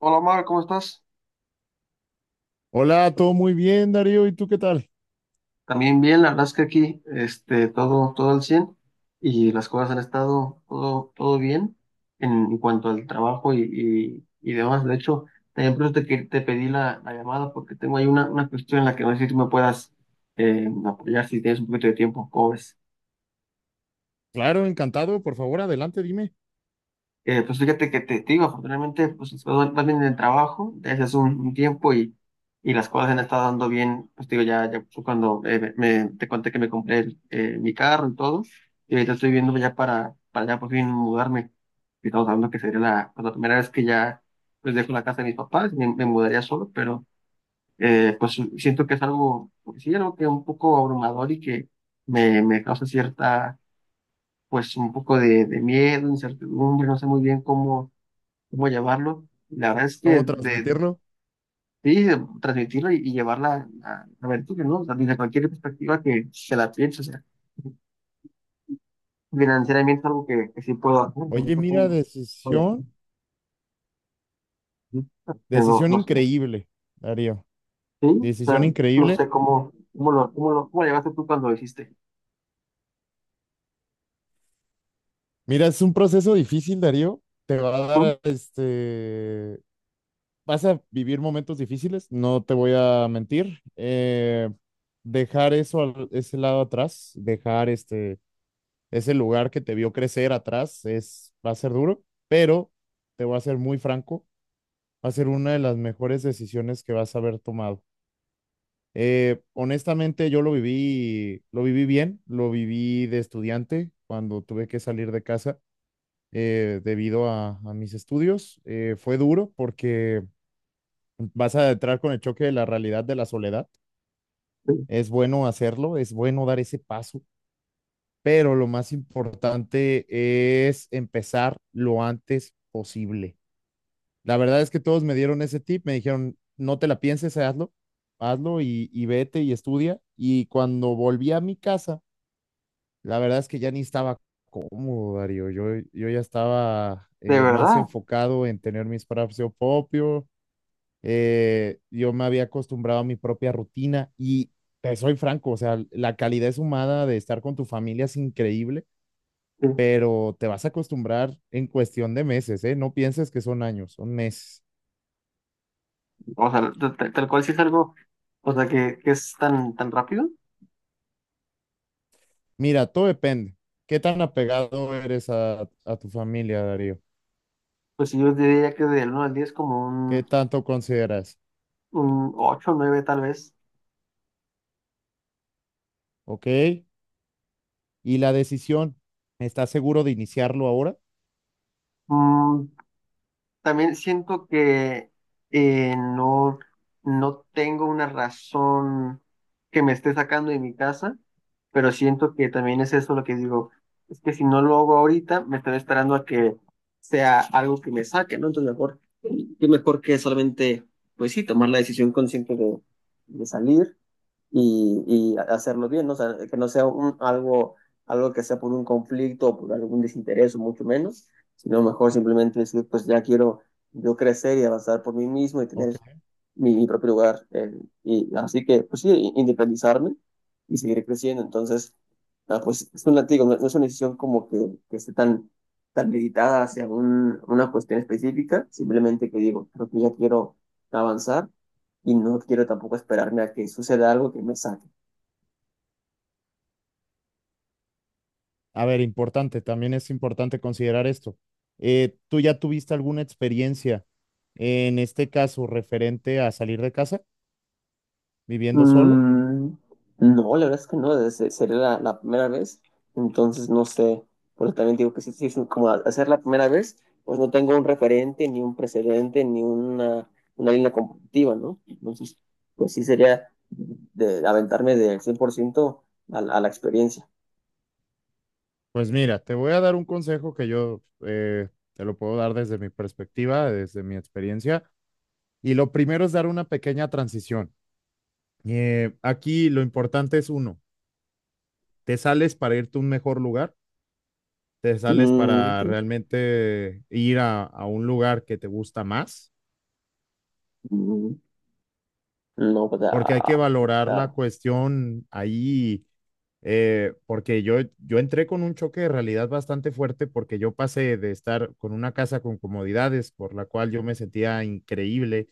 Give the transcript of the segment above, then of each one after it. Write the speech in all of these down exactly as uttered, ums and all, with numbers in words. Hola Omar, ¿cómo estás? Hola, todo muy bien, Darío. ¿Y tú qué tal? También bien, la verdad es que aquí este, todo, todo al cien y las cosas han estado todo, todo bien en, en cuanto al trabajo y, y- y demás. De hecho, también por eso te, que- te pedí la, la llamada porque tengo ahí una, una cuestión en la que no sé si tú me puedas eh, apoyar si tienes un poquito de tiempo. ¿Cómo ves? Claro, encantado. Por favor, adelante, dime Eh, pues fíjate que te, te digo, afortunadamente, pues vas vas bien en el trabajo desde hace un, un tiempo y, y las cosas se han estado dando bien. Pues te digo, ya, ya fue cuando eh, me, me- te conté que me compré el, eh, mi carro y todo, y ahorita estoy viendo ya para, para ya por fin mudarme. Y estamos hablando que sería la, pues, la primera vez que ya pues dejo la casa de mis papás, me, me mudaría solo, pero eh, pues siento que es algo, pues, sí, algo que un poco abrumador y que me, me causa cierta, pues un poco de, de miedo, incertidumbre, no sé muy bien cómo cómo llevarlo. La verdad es que cómo de, transmitirlo. sí, de transmitirlo y, y llevarla a, a ver, ¿no? O sea, desde cualquier perspectiva que se la piense, o sea, financieramente es algo que, que sí puedo hacer, pero Oye, ahorita mira, tengo- joder, decisión, pero no decisión no sé, increíble, Darío. sí, o Decisión sea, no increíble. sé cómo, cómo lo, cómo lo, cómo lo llevaste tú cuando lo hiciste. Mira, es un proceso difícil, Darío. Te va a ¿Mm? dar, este, vas a vivir momentos difíciles, no te voy a mentir. Eh, dejar eso, al- ese lado atrás, dejar este, ese lugar que te vio crecer atrás, es, va a ser duro, pero te voy a ser muy franco. Va a ser una de las mejores decisiones que vas a haber tomado. Eh, honestamente, yo lo viví, lo viví bien, lo viví de estudiante cuando tuve que salir de casa eh, debido a, a mis estudios. Eh, fue duro porque vas a entrar con el choque de la realidad de la soledad. Sí. Es bueno hacerlo, es bueno dar ese paso, pero lo más importante es empezar lo antes posible. La verdad es que todos me dieron ese tip, me dijeron, no te la pienses, hazlo, hazlo y, y vete y estudia. Y cuando volví a mi casa, la verdad es que ya ni estaba cómodo, Darío. Yo, yo ya estaba De eh, más verdad, enfocado en tener mi espacio propio. Eh, yo me había acostumbrado a mi propia rutina y te soy franco, o sea, la calidez humana de estar con tu familia es increíble, sí. pero te vas a acostumbrar en cuestión de meses, ¿eh? No pienses que son años, son meses. O sea, t- t- tal cual, si es algo, o sea, que, que es tan, tan rápido, Mira, todo depende. ¿Qué tan apegado eres a, a tu familia, Darío? pues yo diría que del uno al diez como ¿Qué un, tanto consideras? un ocho nueve tal vez. ¿Ok? Y la decisión, ¿estás seguro de iniciarlo ahora? Mm, también siento que eh, no, no tengo una razón que me esté sacando de mi casa, pero siento que también es eso lo que digo, es que si no lo hago ahorita, me estaré esperando a que sea algo que me saque, ¿no? Entonces mejor, qué mejor que solamente, pues sí, tomar la decisión consciente de, de salir y, y hacerlo bien, ¿no? O sea, que no sea un, algo, algo que sea por un conflicto o por algún desinterés o mucho menos, sino mejor simplemente decir, pues ya quiero yo crecer y avanzar por mí mismo y Ok. tener mi, mi propio lugar. Eh, y así que, pues sí, i- independizarme y seguir creciendo. Entonces, ah, pues es un latigo, no, no es una decisión como que, que esté tan, tan meditada hacia un- una cuestión específica, simplemente que digo, creo que ya quiero avanzar y no quiero tampoco esperarme a que suceda algo que me saque. A ver, importante, también es importante considerar esto. Eh, ¿tú ya tuviste alguna experiencia en este caso referente a salir de casa viviendo solo? Mm, no, la verdad es que no, desde- sería la, la primera vez, entonces no sé, porque también digo que sí, sí, es como hacer la primera vez, pues no tengo un referente, ni un precedente, ni una, una línea competitiva, ¿no? Entonces, pues sí sería de aventarme del cien por ciento a, la a la experiencia. Pues mira, te voy a dar un consejo que yo eh, te lo puedo dar desde mi perspectiva, desde mi experiencia. Y lo primero es dar una pequeña transición. Eh, aquí lo importante es uno, te sales para irte a un mejor lugar, te sales Mm, para sí. realmente ir a, a un lugar que te gusta más, Mm, no, pues porque hay que ah, valorar la claro. cuestión ahí, eh, porque yo, yo entré con un choque de realidad bastante fuerte porque yo pasé de estar con una casa con comodidades, por la cual yo me sentía increíble,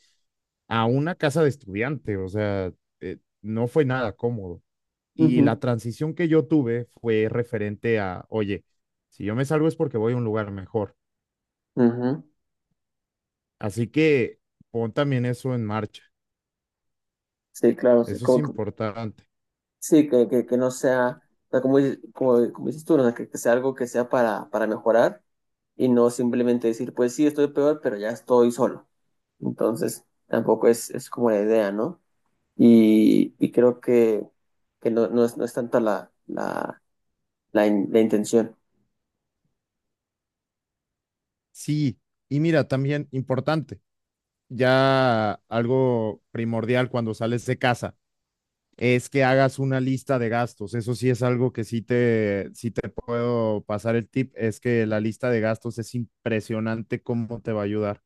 a una casa de estudiante, o sea, eh, no fue nada cómodo. Y la Ujú, transición que yo tuve fue referente a, oye, si yo me salgo es porque voy a un lugar mejor. ujú. Así que pon también eso en marcha. Sí, claro, sí, Eso es como que importante. sí, que, que, que no sea, o sea, como, dices- como, como dices tú, ¿no? O sea, que, que sea algo que sea para, para mejorar y no simplemente decir, pues sí, estoy peor, pero ya estoy solo. Entonces, tampoco es, es como la idea, ¿no? Y, y creo que, que no, no es, no es tanto la, la, la, in- la intención. Sí, y mira, también importante, ya algo primordial cuando sales de casa es que hagas una lista de gastos. Eso sí es algo que sí te, sí te puedo pasar el tip, es que la lista de gastos es impresionante cómo te va a ayudar.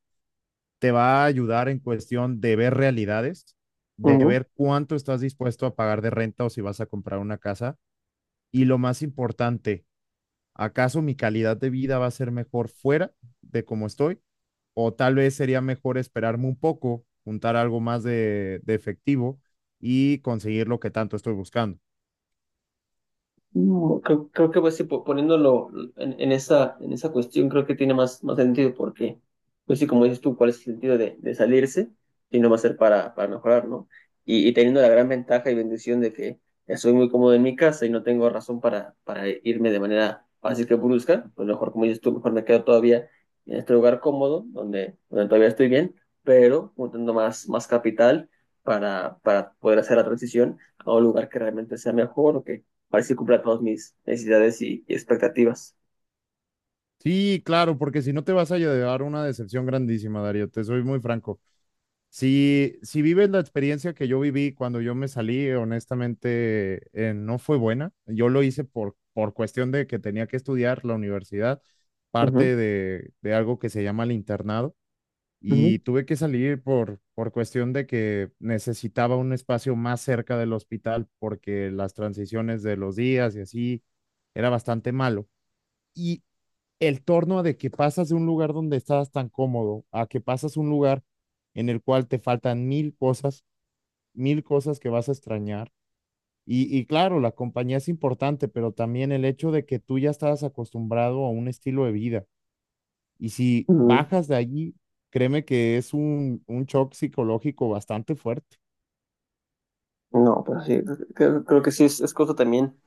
Te va a ayudar en cuestión de ver realidades, de ver cuánto estás dispuesto a pagar de renta o si vas a comprar una casa. Y lo más importante, ¿acaso mi calidad de vida va a ser mejor fuera de cómo estoy? O tal vez sería mejor esperarme un poco, juntar algo más de, de efectivo y conseguir lo que tanto estoy buscando. No, creo, creo que pues sí, po- poniéndolo en, en esa, en esa cuestión, creo que tiene más, más sentido porque, pues sí, como dices tú, ¿cuál es el sentido de, de salirse? Si no va a ser para, para mejorar, ¿no? Y, y teniendo la gran ventaja y bendición de que estoy muy cómodo en mi casa y no tengo razón para, para irme de manera fácil que brusca, pues mejor, como dices tú, mejor me quedo todavía en este lugar cómodo, donde, donde todavía estoy bien, pero juntando más, más capital para, para poder hacer la transición a un lugar que realmente sea mejor o que para ver si cumpla todas mis necesidades y, y expectativas. Sí, claro, porque si no te vas a llevar una decepción grandísima, Darío, te soy muy franco. Si, si vives la experiencia que yo viví cuando yo me salí, honestamente, eh, no fue buena. Yo lo hice por, por cuestión de que tenía que estudiar la universidad, Ujú, parte de, de algo que se llama el internado, ujú, y tuve que salir por, por cuestión de que necesitaba un espacio más cerca del hospital porque las transiciones de los días y así era bastante malo. Y el torno de que pasas de un lugar donde estás tan cómodo a que pasas un lugar en el cual te faltan mil cosas, mil cosas que vas a extrañar. Y, y claro, la compañía es importante, pero también el hecho de que tú ya estabas acostumbrado a un estilo de vida. Y si ujú. bajas de allí, créeme que es un, un shock psicológico bastante fuerte. No, pero sí, creo, creo que sí es, es cosa también.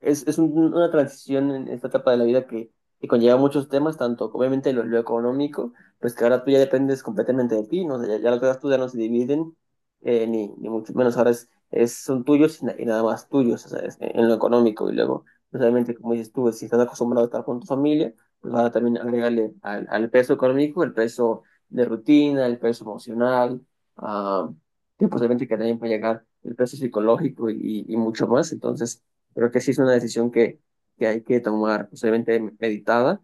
Es, es un- una transición en esta etapa de la vida que, que conlleva muchos temas, tanto obviamente lo, lo económico, pues que ahora tú ya dependes completamente de ti, ¿no? O sea, ya, ya las cosas tuyas no se dividen, eh, ni, ni mucho menos. Ahora es, es, son tuyos y, na- y nada más tuyos, o sea, es- en lo económico. Y luego, pues, obviamente, como dices tú, si estás acostumbrado a estar con tu familia, pues ahora también agregarle al, al peso económico el peso de rutina, el peso emocional. ah, que posiblemente que también puede llegar el peso psicológico y, y mucho más. Entonces, creo que sí es una decisión que, que hay que tomar posiblemente meditada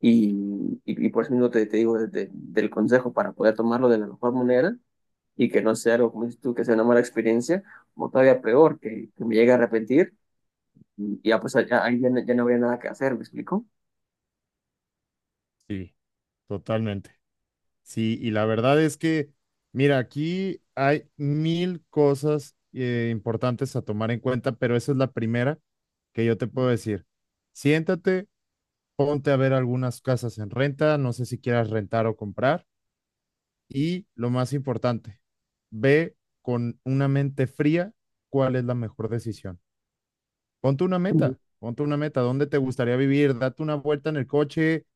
y, y, y por eso mismo te, te digo desde- del consejo para poder tomarlo de la mejor manera y que no sea algo, como dices tú, que sea una mala experiencia o todavía peor, que, que me llegue a arrepentir y ya pues ya, ahí ya, no ya no habría nada que hacer, ¿me explico? Sí, totalmente. Sí, y la verdad es que, mira, aquí hay mil cosas eh, importantes a tomar en cuenta, pero esa es la primera que yo te puedo decir. Siéntate, ponte a ver algunas casas en renta, no sé si quieras rentar o comprar, y lo más importante, ve con una mente fría cuál es la mejor decisión. Ponte una Ujú, meta, ponte una meta, ¿dónde te gustaría vivir? Date una vuelta en el coche,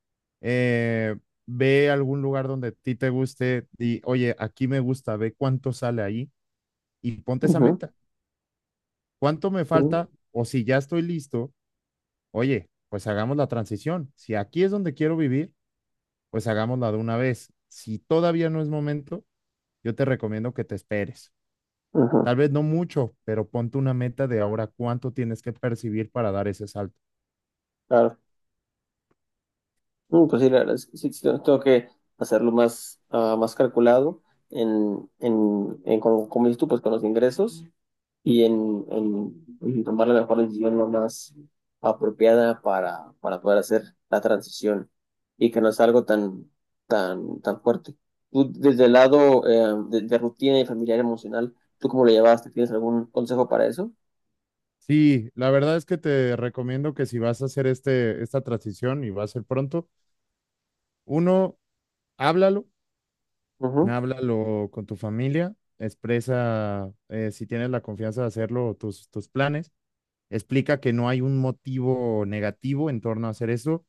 eh, ve a algún lugar donde a ti te guste y, oye, aquí me gusta, ve cuánto sale ahí y ponte esa ujú, meta. ¿Cuánto me ujú, falta? O si ya estoy listo, oye, pues hagamos la transición. Si aquí es donde quiero vivir, pues hagámosla de una vez. Si todavía no es momento, yo te recomiendo que te esperes. ujú, Tal vez no mucho, pero ponte una meta de ahora cuánto tienes que percibir para dar ese salto. claro. Mm, pues sí, la verdad es que sí, sí, tengo que hacerlo más, ah, más calculado en, en, en con- como dices tú, pues con los ingresos y en, en, en tomar la mejor decisión, lo más apropiada para, para poder hacer la transición y que no es algo tan, tan, tan fuerte. Tú, desde el lado eh, de, de rutina y familiar emocional, ¿tú cómo lo llevaste? ¿Tienes algún consejo para eso? Sí, la verdad es que te recomiendo que si vas a hacer este, esta transición y va a ser pronto, uno, háblalo, Ujú. háblalo con tu familia, expresa eh, si tienes la confianza de hacerlo, tus, tus planes, explica que no hay un motivo negativo en torno a hacer eso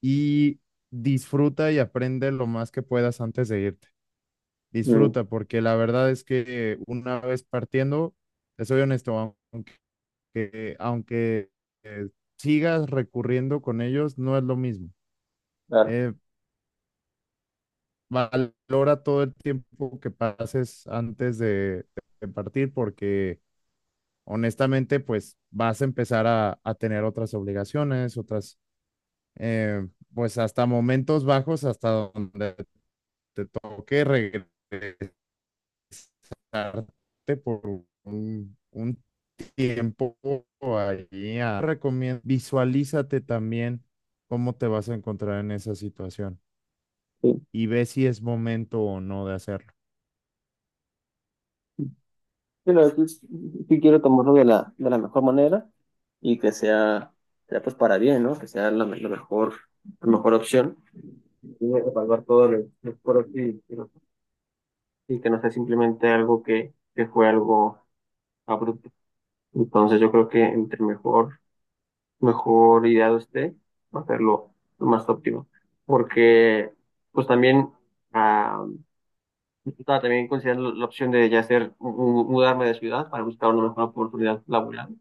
y disfruta y aprende lo más que puedas antes de irte. Mm, Disfruta, porque la verdad es que una vez partiendo, te soy honesto, que aunque eh, sigas recurriendo con ellos, no es lo mismo. claro. Eh, Valora todo el tiempo que pases antes de, de partir porque honestamente pues vas a empezar a, a tener otras obligaciones, otras, eh, pues hasta momentos bajos, hasta donde te toque regresarte por un, un tiempo ahí. a- Recomiendo, visualízate también cómo te vas a encontrar en esa situación y ve si es momento o no de hacerlo. Pero pues, sí quiero tomarlo de la, de la mejor manera y que sea, sea pues para bien, ¿no? Que sea la, la mejor, la mejor opción. Y evaluar todo lo lo pros y, y los- y que no sea simplemente algo que, que fue algo abrupto. Entonces yo creo que entre mejor, mejor ideado esté, va a ser lo, lo más óptimo. Porque pues también, ah, estaba también considerando la opción de ya hacer, mu- mu- mudarme de ciudad para buscar una mejor oportunidad laboral.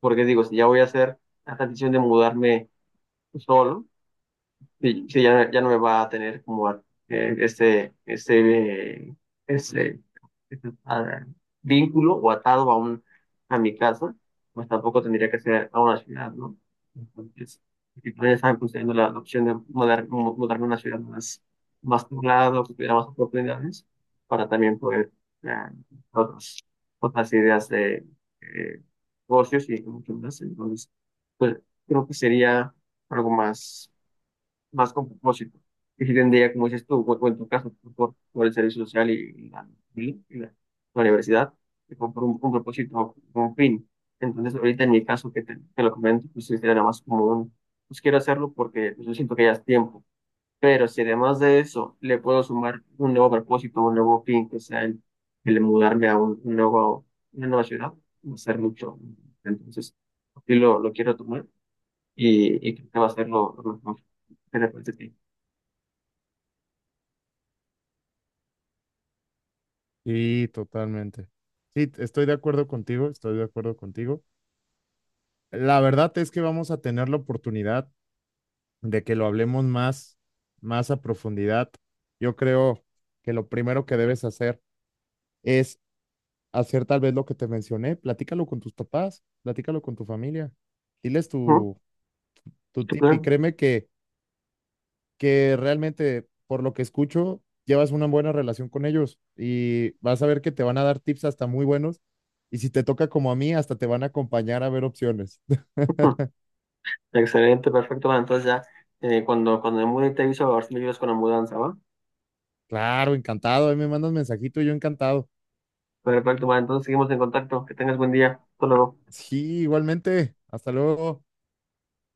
Porque digo, si ya voy a hacer la decisión de mudarme solo, sí, sí, ya, ya no me va a tener como eh, este, este, eh, este, este, ah, vínculo o atado a un, a mi casa, pues tampoco tendría que ser a una ciudad, ¿no? Entonces, si todavía estaban considerando la, la opción de mudar, mu- mudarme a una ciudad más, más poblada, que tuviera más oportunidades, para también poder eh, otras, otras ideas de eh, negocios y mucho más. Entonces, pues creo que sería algo más más con propósito. Y si tendría, como dices tú, o o en tu caso, tú por, por el servicio social y, y la, y la- la universidad, y por, por un, un propósito, por un fin. Entonces, ahorita en mi caso, que te, te lo comento, pues sí, sería nada más como un, pues quiero hacerlo porque pues, yo siento que ya es tiempo. Pero si además de eso le puedo sumar un nuevo propósito, un nuevo fin, que sea el, el mudarme a un, un nuevo, una nueva ciudad, va a ser mucho. Entonces, así lo, lo quiero tomar y, y creo que va a ser lo, lo mejor. ¿Qué te parece a ti? Sí, totalmente. Sí, t- estoy de acuerdo contigo, estoy de acuerdo contigo. La verdad es que vamos a tener la oportunidad de que lo hablemos más, más a profundidad. Yo creo que lo primero que debes hacer es hacer tal vez lo que te mencioné, platícalo con tus papás, platícalo con tu familia, diles Ujú, tu, tu qué tip y claro. créeme que, que realmente, por lo que escucho, llevas una buena relación con ellos y vas a ver que te van a dar tips hasta muy buenos. Y si te toca como a mí, hasta te van a acompañar a ver opciones. Ujú. Excelente, perfecto. Bueno, entonces ya eh, cuando, cuando me mude te aviso a ver si me ayudas con la mudanza, ¿va? Claro, encantado. Ahí me mandas mensajito, yo encantado. Perfecto, bueno, entonces seguimos en contacto. Que tengas buen día. Hasta luego. Sí, igualmente. Hasta luego.